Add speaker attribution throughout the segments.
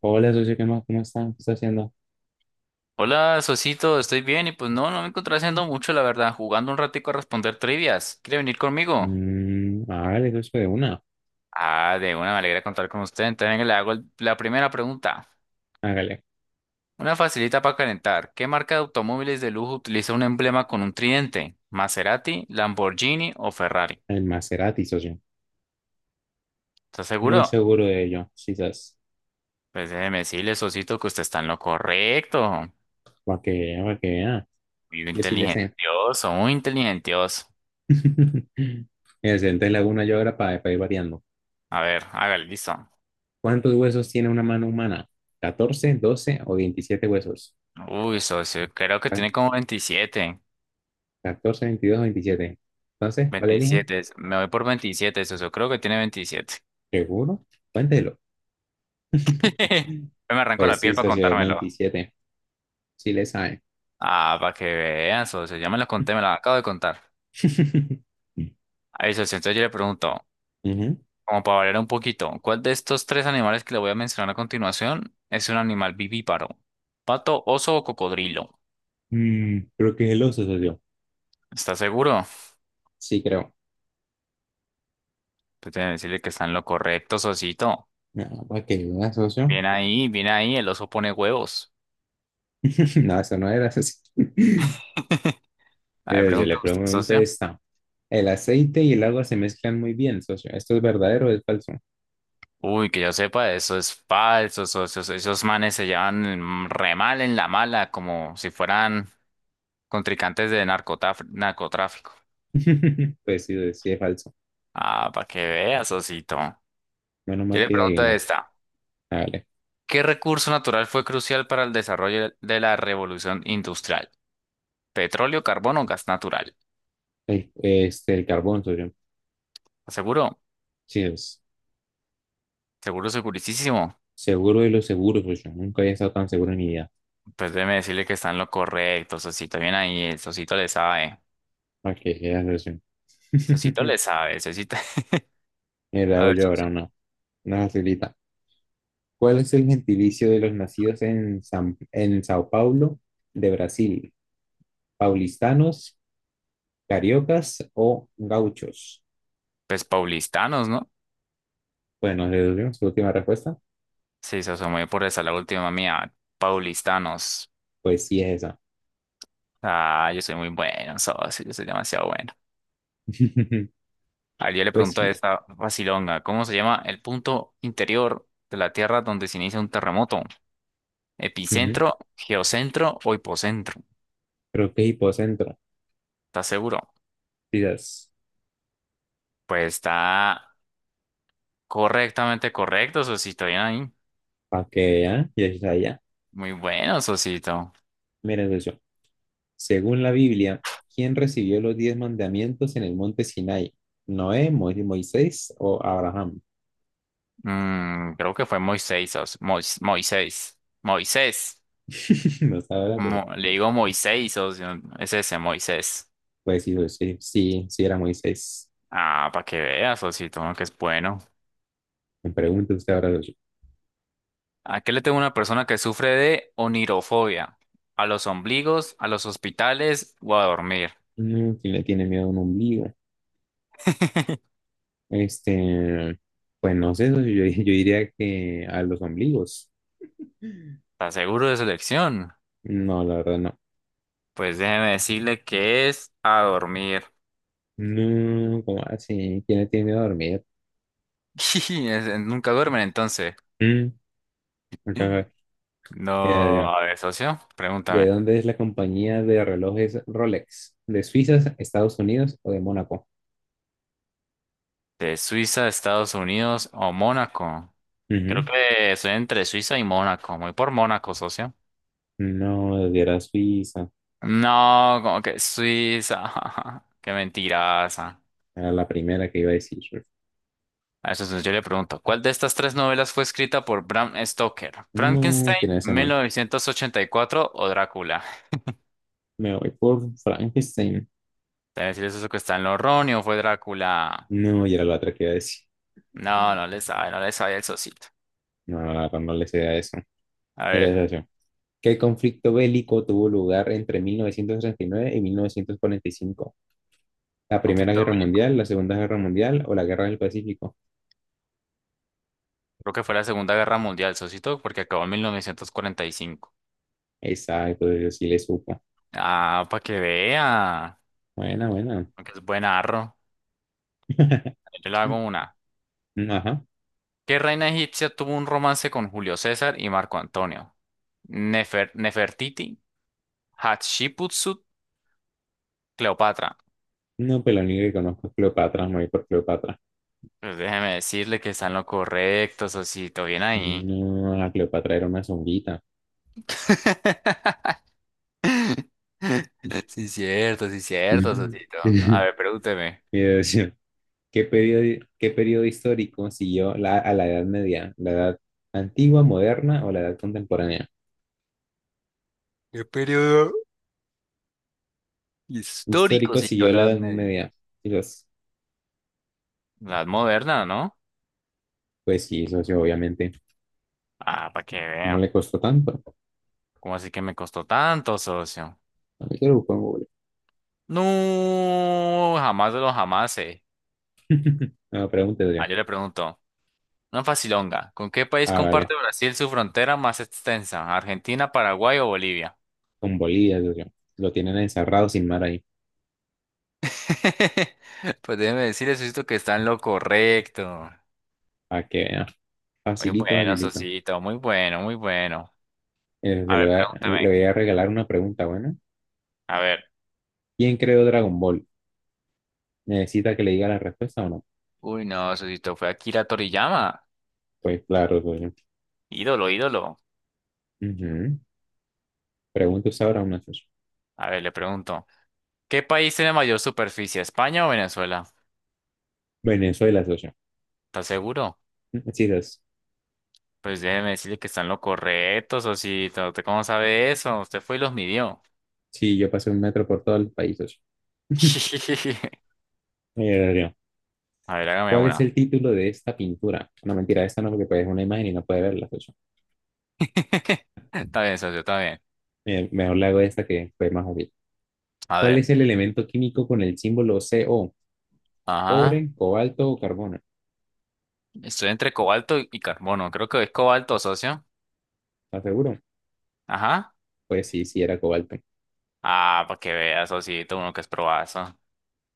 Speaker 1: Hola, socio, ¿qué más? ¿Cómo está? ¿Qué está haciendo?
Speaker 2: Hola, Sosito, estoy bien y pues no, no me encontré haciendo mucho, la verdad, jugando un ratico a responder trivias. ¿Quiere venir conmigo?
Speaker 1: Hágale, socio, de una.
Speaker 2: Ah, de una, me alegra contar con usted. Entonces venga, le hago la primera pregunta.
Speaker 1: Hágale.
Speaker 2: Una facilita para calentar. ¿Qué marca de automóviles de lujo utiliza un emblema con un tridente? ¿Maserati, Lamborghini o Ferrari?
Speaker 1: El Maserati, socio.
Speaker 2: ¿Está
Speaker 1: Muy
Speaker 2: seguro?
Speaker 1: seguro de ello, quizás.
Speaker 2: Pues déjeme decirle, Sosito, que usted está en lo correcto.
Speaker 1: Para que vea, para que vea.
Speaker 2: Muy
Speaker 1: Yo sí le sé.
Speaker 2: inteligentioso, muy inteligentioso.
Speaker 1: Entonces le hago una yo ahora para ir variando.
Speaker 2: A ver, hágale, listo.
Speaker 1: ¿Cuántos huesos tiene una mano humana? ¿14, 12 o 27 huesos?
Speaker 2: Uy, socio, creo que
Speaker 1: Ca-
Speaker 2: tiene como 27.
Speaker 1: 14, 22 o 27. Entonces, ¿cuál elige?
Speaker 2: 27, me voy por 27, eso, eso, creo que tiene 27.
Speaker 1: ¿Seguro? Cuéntelo.
Speaker 2: Me arranco la
Speaker 1: Pues sí,
Speaker 2: piel para
Speaker 1: socio, es
Speaker 2: contármelo.
Speaker 1: 27. Sí le sabe.
Speaker 2: Ah, para que vean, socio, ya me lo conté, me lo acabo de contar. Ahí, socio, entonces yo le pregunto,
Speaker 1: Ujú.
Speaker 2: como para variar un poquito, ¿cuál de estos tres animales que le voy a mencionar a continuación es un animal vivíparo? ¿Pato, oso o cocodrilo?
Speaker 1: Mm, creo que es el oso, socio.
Speaker 2: ¿Estás seguro?
Speaker 1: Sí, creo.
Speaker 2: Pues debe decirle que está en lo correcto, socito.
Speaker 1: No, ¿para qué? ¿Una socio?
Speaker 2: Bien ahí, el oso pone huevos.
Speaker 1: No, eso no era socio.
Speaker 2: A ver,
Speaker 1: Yo
Speaker 2: pregunta
Speaker 1: le
Speaker 2: usted,
Speaker 1: pregunto
Speaker 2: socio.
Speaker 1: esta. El aceite y el agua se mezclan muy bien, socio. ¿Esto es verdadero o es falso?
Speaker 2: Uy, que yo sepa, eso es falso, esos manes se llevan mm, re mal en la mala, como si fueran contrincantes de narcotráfico.
Speaker 1: Pues sí, sí es falso.
Speaker 2: Ah, para que veas, Osito.
Speaker 1: Menos mal
Speaker 2: Yo le
Speaker 1: que le
Speaker 2: pregunto
Speaker 1: adivinó.
Speaker 2: esta.
Speaker 1: Ah, vale.
Speaker 2: ¿Qué recurso natural fue crucial para el desarrollo de la revolución industrial? ¿Petróleo, carbón o gas natural?
Speaker 1: Este, el carbón, socio.
Speaker 2: ¿Seguro?
Speaker 1: Sí, es
Speaker 2: ¿Seguro, segurísimo?
Speaker 1: seguro de lo seguro, socio. Nunca había estado tan seguro en mi vida.
Speaker 2: Pues déjeme decirle que está en lo correcto, Sosito. Bien ahí, el Sosito le sabe.
Speaker 1: ¿Para qué? Era socio.
Speaker 2: Sosito le sabe, Sosito.
Speaker 1: Mira,
Speaker 2: A
Speaker 1: hago
Speaker 2: ver,
Speaker 1: yo ahora
Speaker 2: Sosito.
Speaker 1: una. Una facilita. ¿Cuál es el gentilicio de los nacidos en Sao Paulo, de Brasil? ¿Paulistanos, cariocas o gauchos?
Speaker 2: Pues paulistanos, ¿no?
Speaker 1: Bueno, le doy su última respuesta.
Speaker 2: Sí, se muy por esa la última mía. Paulistanos.
Speaker 1: Pues sí, es esa.
Speaker 2: Ah, yo soy muy bueno, socio, yo soy demasiado bueno. Ayer le
Speaker 1: Pues
Speaker 2: pregunto a
Speaker 1: sí.
Speaker 2: esta vacilonga, ¿cómo se llama el punto interior de la Tierra donde se inicia un terremoto?
Speaker 1: Ujú.
Speaker 2: ¿Epicentro, geocentro o hipocentro?
Speaker 1: Creo que es hipocentro.
Speaker 2: ¿Estás seguro?
Speaker 1: Quizás.
Speaker 2: Pues está correctamente correcto, sosito, bien ahí.
Speaker 1: Pa' que vean, ya está allá.
Speaker 2: Muy bueno, sosito.
Speaker 1: Miren eso. Según la Biblia, ¿quién recibió los diez mandamientos en el monte Sinai? ¿Noé, Moisés o Abraham?
Speaker 2: Mm, creo que fue Moisés, socio. Moisés. Moisés.
Speaker 1: No sabe la cosa.
Speaker 2: Le digo Moisés, socio. Es ese, Moisés.
Speaker 1: Pues sí, sí, sí era Moisés.
Speaker 2: Ah, para que veas, Osito, uno que es bueno.
Speaker 1: Me pregunta usted ahora, socio,
Speaker 2: Aquí le tengo una persona que sufre de onirofobia. A los ombligos, a los hospitales o a dormir.
Speaker 1: no, ¿quién le tiene miedo a un ombligo? Este, pues no sé, socio, yo, yo diría que a los ombligos.
Speaker 2: ¿Está seguro de su elección?
Speaker 1: No, la verdad no.
Speaker 2: Pues déjeme decirle que es a dormir.
Speaker 1: No, ¿cómo así? ¿Quién le tiene miedo a dormir?
Speaker 2: Es- Nunca duermen entonces.
Speaker 1: Mm, ajá. Ya,
Speaker 2: No,
Speaker 1: ya.
Speaker 2: a ver, socio,
Speaker 1: ¿De
Speaker 2: pregúntame.
Speaker 1: dónde es la compañía de relojes Rolex? ¿De Suiza, Estados Unidos o de Mónaco?
Speaker 2: ¿De Suiza, Estados Unidos o Mónaco? Creo
Speaker 1: Ujú.
Speaker 2: que soy entre Suiza y Mónaco. Muy por Mónaco, socio.
Speaker 1: No, era Suiza.
Speaker 2: No, como que Suiza. Qué mentiraza.
Speaker 1: Era la primera que iba a decir.
Speaker 2: A eso entonces yo le pregunto, ¿cuál de estas tres novelas fue escrita por Bram Stoker?
Speaker 1: No,
Speaker 2: ¿Frankenstein,
Speaker 1: ¿quién es ese man?
Speaker 2: 1984 o Drácula?
Speaker 1: Me voy por Frankenstein.
Speaker 2: Debe decir eso que está en los Ronnie o fue Drácula.
Speaker 1: No, y era la otra que iba a decir.
Speaker 2: No, no le sabe, no le sabe el socito.
Speaker 1: No, la verdad no le sé a eso.
Speaker 2: A
Speaker 1: Mira
Speaker 2: ver,
Speaker 1: esa opción. ¿Qué conflicto bélico tuvo lugar entre 1939 y 1945? ¿La Primera
Speaker 2: conflicto
Speaker 1: Guerra
Speaker 2: bélico.
Speaker 1: Mundial, la Segunda Guerra Mundial o la Guerra del Pacífico?
Speaker 2: Creo que fue la Segunda Guerra Mundial, socito, porque acabó en 1945.
Speaker 1: Exacto, yo sí le supo.
Speaker 2: Ah, para que vea.
Speaker 1: Buena, buena.
Speaker 2: Aunque es buen arro. Yo le hago una.
Speaker 1: Mm, ajá.
Speaker 2: ¿Qué reina egipcia tuvo un romance con Julio César y Marco Antonio? Nefertiti, Hatshepsut, Cleopatra.
Speaker 1: No, pero lo único que conozco es Cleopatra, me voy por Cleopatra.
Speaker 2: Pues déjeme decirle que están lo correcto, Sosito, bien ahí.
Speaker 1: No, la Cleopatra era una zonguita.
Speaker 2: Sí, cierto,
Speaker 1: Ujú.
Speaker 2: Sosito. A ver, pregúnteme.
Speaker 1: Mira, decía, ¿qué periodo histórico siguió a la Edad Media? ¿La Edad Antigua, Moderna o la Edad Contemporánea?
Speaker 2: ¿Qué periodo histórico
Speaker 1: Histórico
Speaker 2: siguió
Speaker 1: siguió
Speaker 2: la
Speaker 1: la
Speaker 2: Edad
Speaker 1: Edad
Speaker 2: Media?
Speaker 1: Media. Y los,
Speaker 2: La Edad Moderna, ¿no?
Speaker 1: pues sí, socio, obviamente.
Speaker 2: Ah, para que
Speaker 1: ¿Cómo
Speaker 2: vean.
Speaker 1: le costó tanto?
Speaker 2: ¿Cómo así que me costó tanto, socio?
Speaker 1: A mí que lo busco en Google.
Speaker 2: No, jamás de los jamás.
Speaker 1: No, pregunte, socio.
Speaker 2: Ah, yo le pregunto, una facilonga, ¿con qué país
Speaker 1: Ah,
Speaker 2: comparte
Speaker 1: vale.
Speaker 2: Brasil su frontera más extensa? ¿Argentina, Paraguay o Bolivia?
Speaker 1: Con Bolívar, socio. Lo tienen encerrado sin mar ahí.
Speaker 2: Pues déjeme decirle, Sosito, que está en lo correcto.
Speaker 1: Para que vea.
Speaker 2: Muy
Speaker 1: Facilito,
Speaker 2: bueno,
Speaker 1: facilito.
Speaker 2: Sosito, muy bueno, muy bueno. A
Speaker 1: Socio, le
Speaker 2: ver,
Speaker 1: voy a, le
Speaker 2: pregúntame.
Speaker 1: voy a regalar una pregunta, bueno.
Speaker 2: A ver.
Speaker 1: ¿Quién creó Dragon Ball? ¿Necesita que le diga la respuesta o no?
Speaker 2: Uy, no, Sosito, fue Akira Toriyama.
Speaker 1: Pues claro, socio.
Speaker 2: Ídolo, ídolo.
Speaker 1: Ujú. Pregunta usted ahora una, socio.
Speaker 2: A ver, le pregunto. ¿Qué país tiene mayor superficie, España o Venezuela?
Speaker 1: Venezuela, socio.
Speaker 2: ¿Estás seguro?
Speaker 1: Sí, socio.
Speaker 2: Pues déjeme decirle que está en lo correcto, Sosito. ¿Usted cómo sabe eso? Usted fue y los midió.
Speaker 1: Sí, yo pasé un metro por todo el país, socio. Socio,
Speaker 2: A ver, hágame
Speaker 1: ¿cuál es
Speaker 2: una.
Speaker 1: el título de esta pintura? No, mentira, esta no, porque pues, es una imagen y no puede verla. Pues,
Speaker 2: Está bien, socio, está bien.
Speaker 1: mejor le hago esta que fue más obvio.
Speaker 2: A
Speaker 1: ¿Cuál es
Speaker 2: ver,
Speaker 1: el elemento químico con el símbolo CO?
Speaker 2: ajá.
Speaker 1: ¿Cobre, cobalto o carbono?
Speaker 2: Estoy entre cobalto y carbono. Creo que es cobalto, socio.
Speaker 1: ¿Estás seguro?
Speaker 2: Ajá.
Speaker 1: Pues sí, sí era cobalto.
Speaker 2: Ah, para que veas, sociito, uno que es probazo,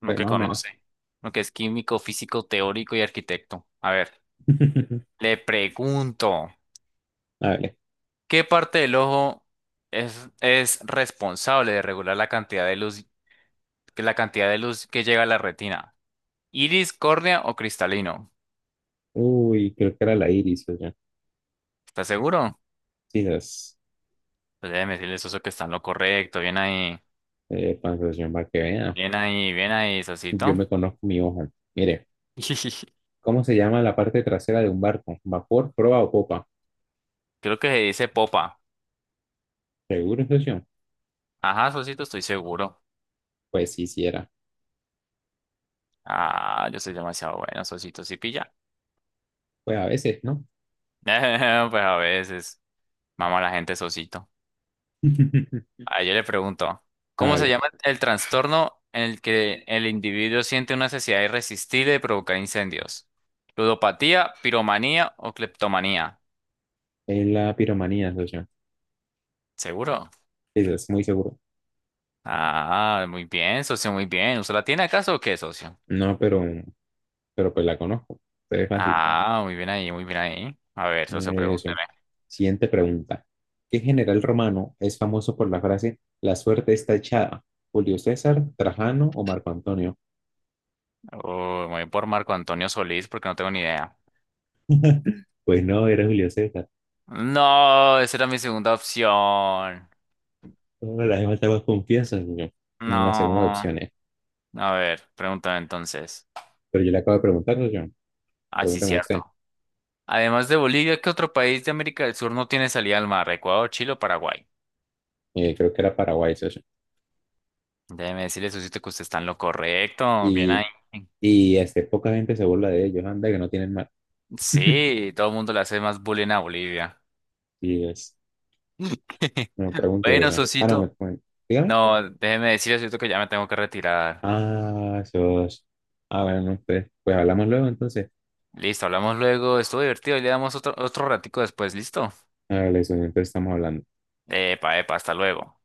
Speaker 2: uno
Speaker 1: Pues
Speaker 2: que
Speaker 1: más o menos.
Speaker 2: conoce, uno que es químico, físico, teórico y arquitecto. A ver, le pregunto,
Speaker 1: A ver.
Speaker 2: ¿qué parte del ojo es responsable de regular la cantidad de luz, la cantidad de luz que llega a la retina? ¿Iris, córnea o cristalino?
Speaker 1: Uy, creo que era la iris, oye.
Speaker 2: ¿Estás seguro?
Speaker 1: Quizás.
Speaker 2: Pues déjeme decirle, Soso, que está en lo correcto. Bien ahí,
Speaker 1: Sensación para que vea.
Speaker 2: bien ahí, bien ahí,
Speaker 1: Yo
Speaker 2: Sosito.
Speaker 1: me conozco mi ojo. Mire, ¿cómo se llama la parte trasera de un barco? ¿Vapor, proa o popa?
Speaker 2: Creo que se dice popa.
Speaker 1: ¿Seguro, socio?
Speaker 2: Ajá, Sosito, estoy seguro.
Speaker 1: Pues sí, sí era.
Speaker 2: Ah, yo soy demasiado bueno, Sosito, sí pilla.
Speaker 1: Pues a veces, ¿no?
Speaker 2: Pues a veces, mama la gente, Sosito. Ah, yo le pregunto, ¿cómo se
Speaker 1: Vale.
Speaker 2: llama el trastorno en el que el individuo siente una necesidad irresistible de provocar incendios? ¿Ludopatía, piromanía o cleptomanía?
Speaker 1: Es la piromanía, socio.
Speaker 2: ¿Seguro?
Speaker 1: Eso es muy seguro.
Speaker 2: Ah, muy bien, socio, muy bien. ¿Usted la tiene acaso o qué, socio?
Speaker 1: No, pero pues la conozco. Entonces es fácil.
Speaker 2: Ah, muy bien ahí, muy bien ahí. A ver, socio,
Speaker 1: Socio.
Speaker 2: pregúnteme.
Speaker 1: Siguiente pregunta. ¿Qué general romano es famoso por la frase La suerte está echada? ¿Julio César, Trajano o Marco Antonio?
Speaker 2: Uy, me voy por Marco Antonio Solís porque no tengo ni idea.
Speaker 1: Pues no, era Julio César.
Speaker 2: No, esa era mi segunda opción.
Speaker 1: No, la demás estaba confianza, socio. En la segunda
Speaker 2: No.
Speaker 1: opción es.
Speaker 2: A ver, pregúntame entonces.
Speaker 1: Pero yo le acabo de preguntar, socio.
Speaker 2: Ah, sí,
Speaker 1: Pregúnteme usted.
Speaker 2: cierto. Además de Bolivia, ¿qué otro país de América del Sur no tiene salida al mar? ¿Ecuador, Chile o Paraguay?
Speaker 1: Creo que era Paraguay, socio.
Speaker 2: Déjeme decirle, socio, que usted está en lo correcto. Bien ahí.
Speaker 1: Y, y este, poca gente se burla de ellos. Anda, que no tienen mal.
Speaker 2: Sí, todo el mundo le hace más bullying a Bolivia.
Speaker 1: Y es. No, pregunte tú
Speaker 2: Bueno,
Speaker 1: eso. Ah, no,
Speaker 2: Sosito,
Speaker 1: dígame.
Speaker 2: no, déjeme decirle, Sosito, que ya me tengo que retirar.
Speaker 1: Ah, sos. Ah, bueno, no, pues, hablamos luego entonces.
Speaker 2: Listo, hablamos luego. Estuvo divertido y le damos otro, otro ratico después. ¿Listo?
Speaker 1: Hágale eso, entonces estamos hablando.
Speaker 2: Epa, epa, hasta luego.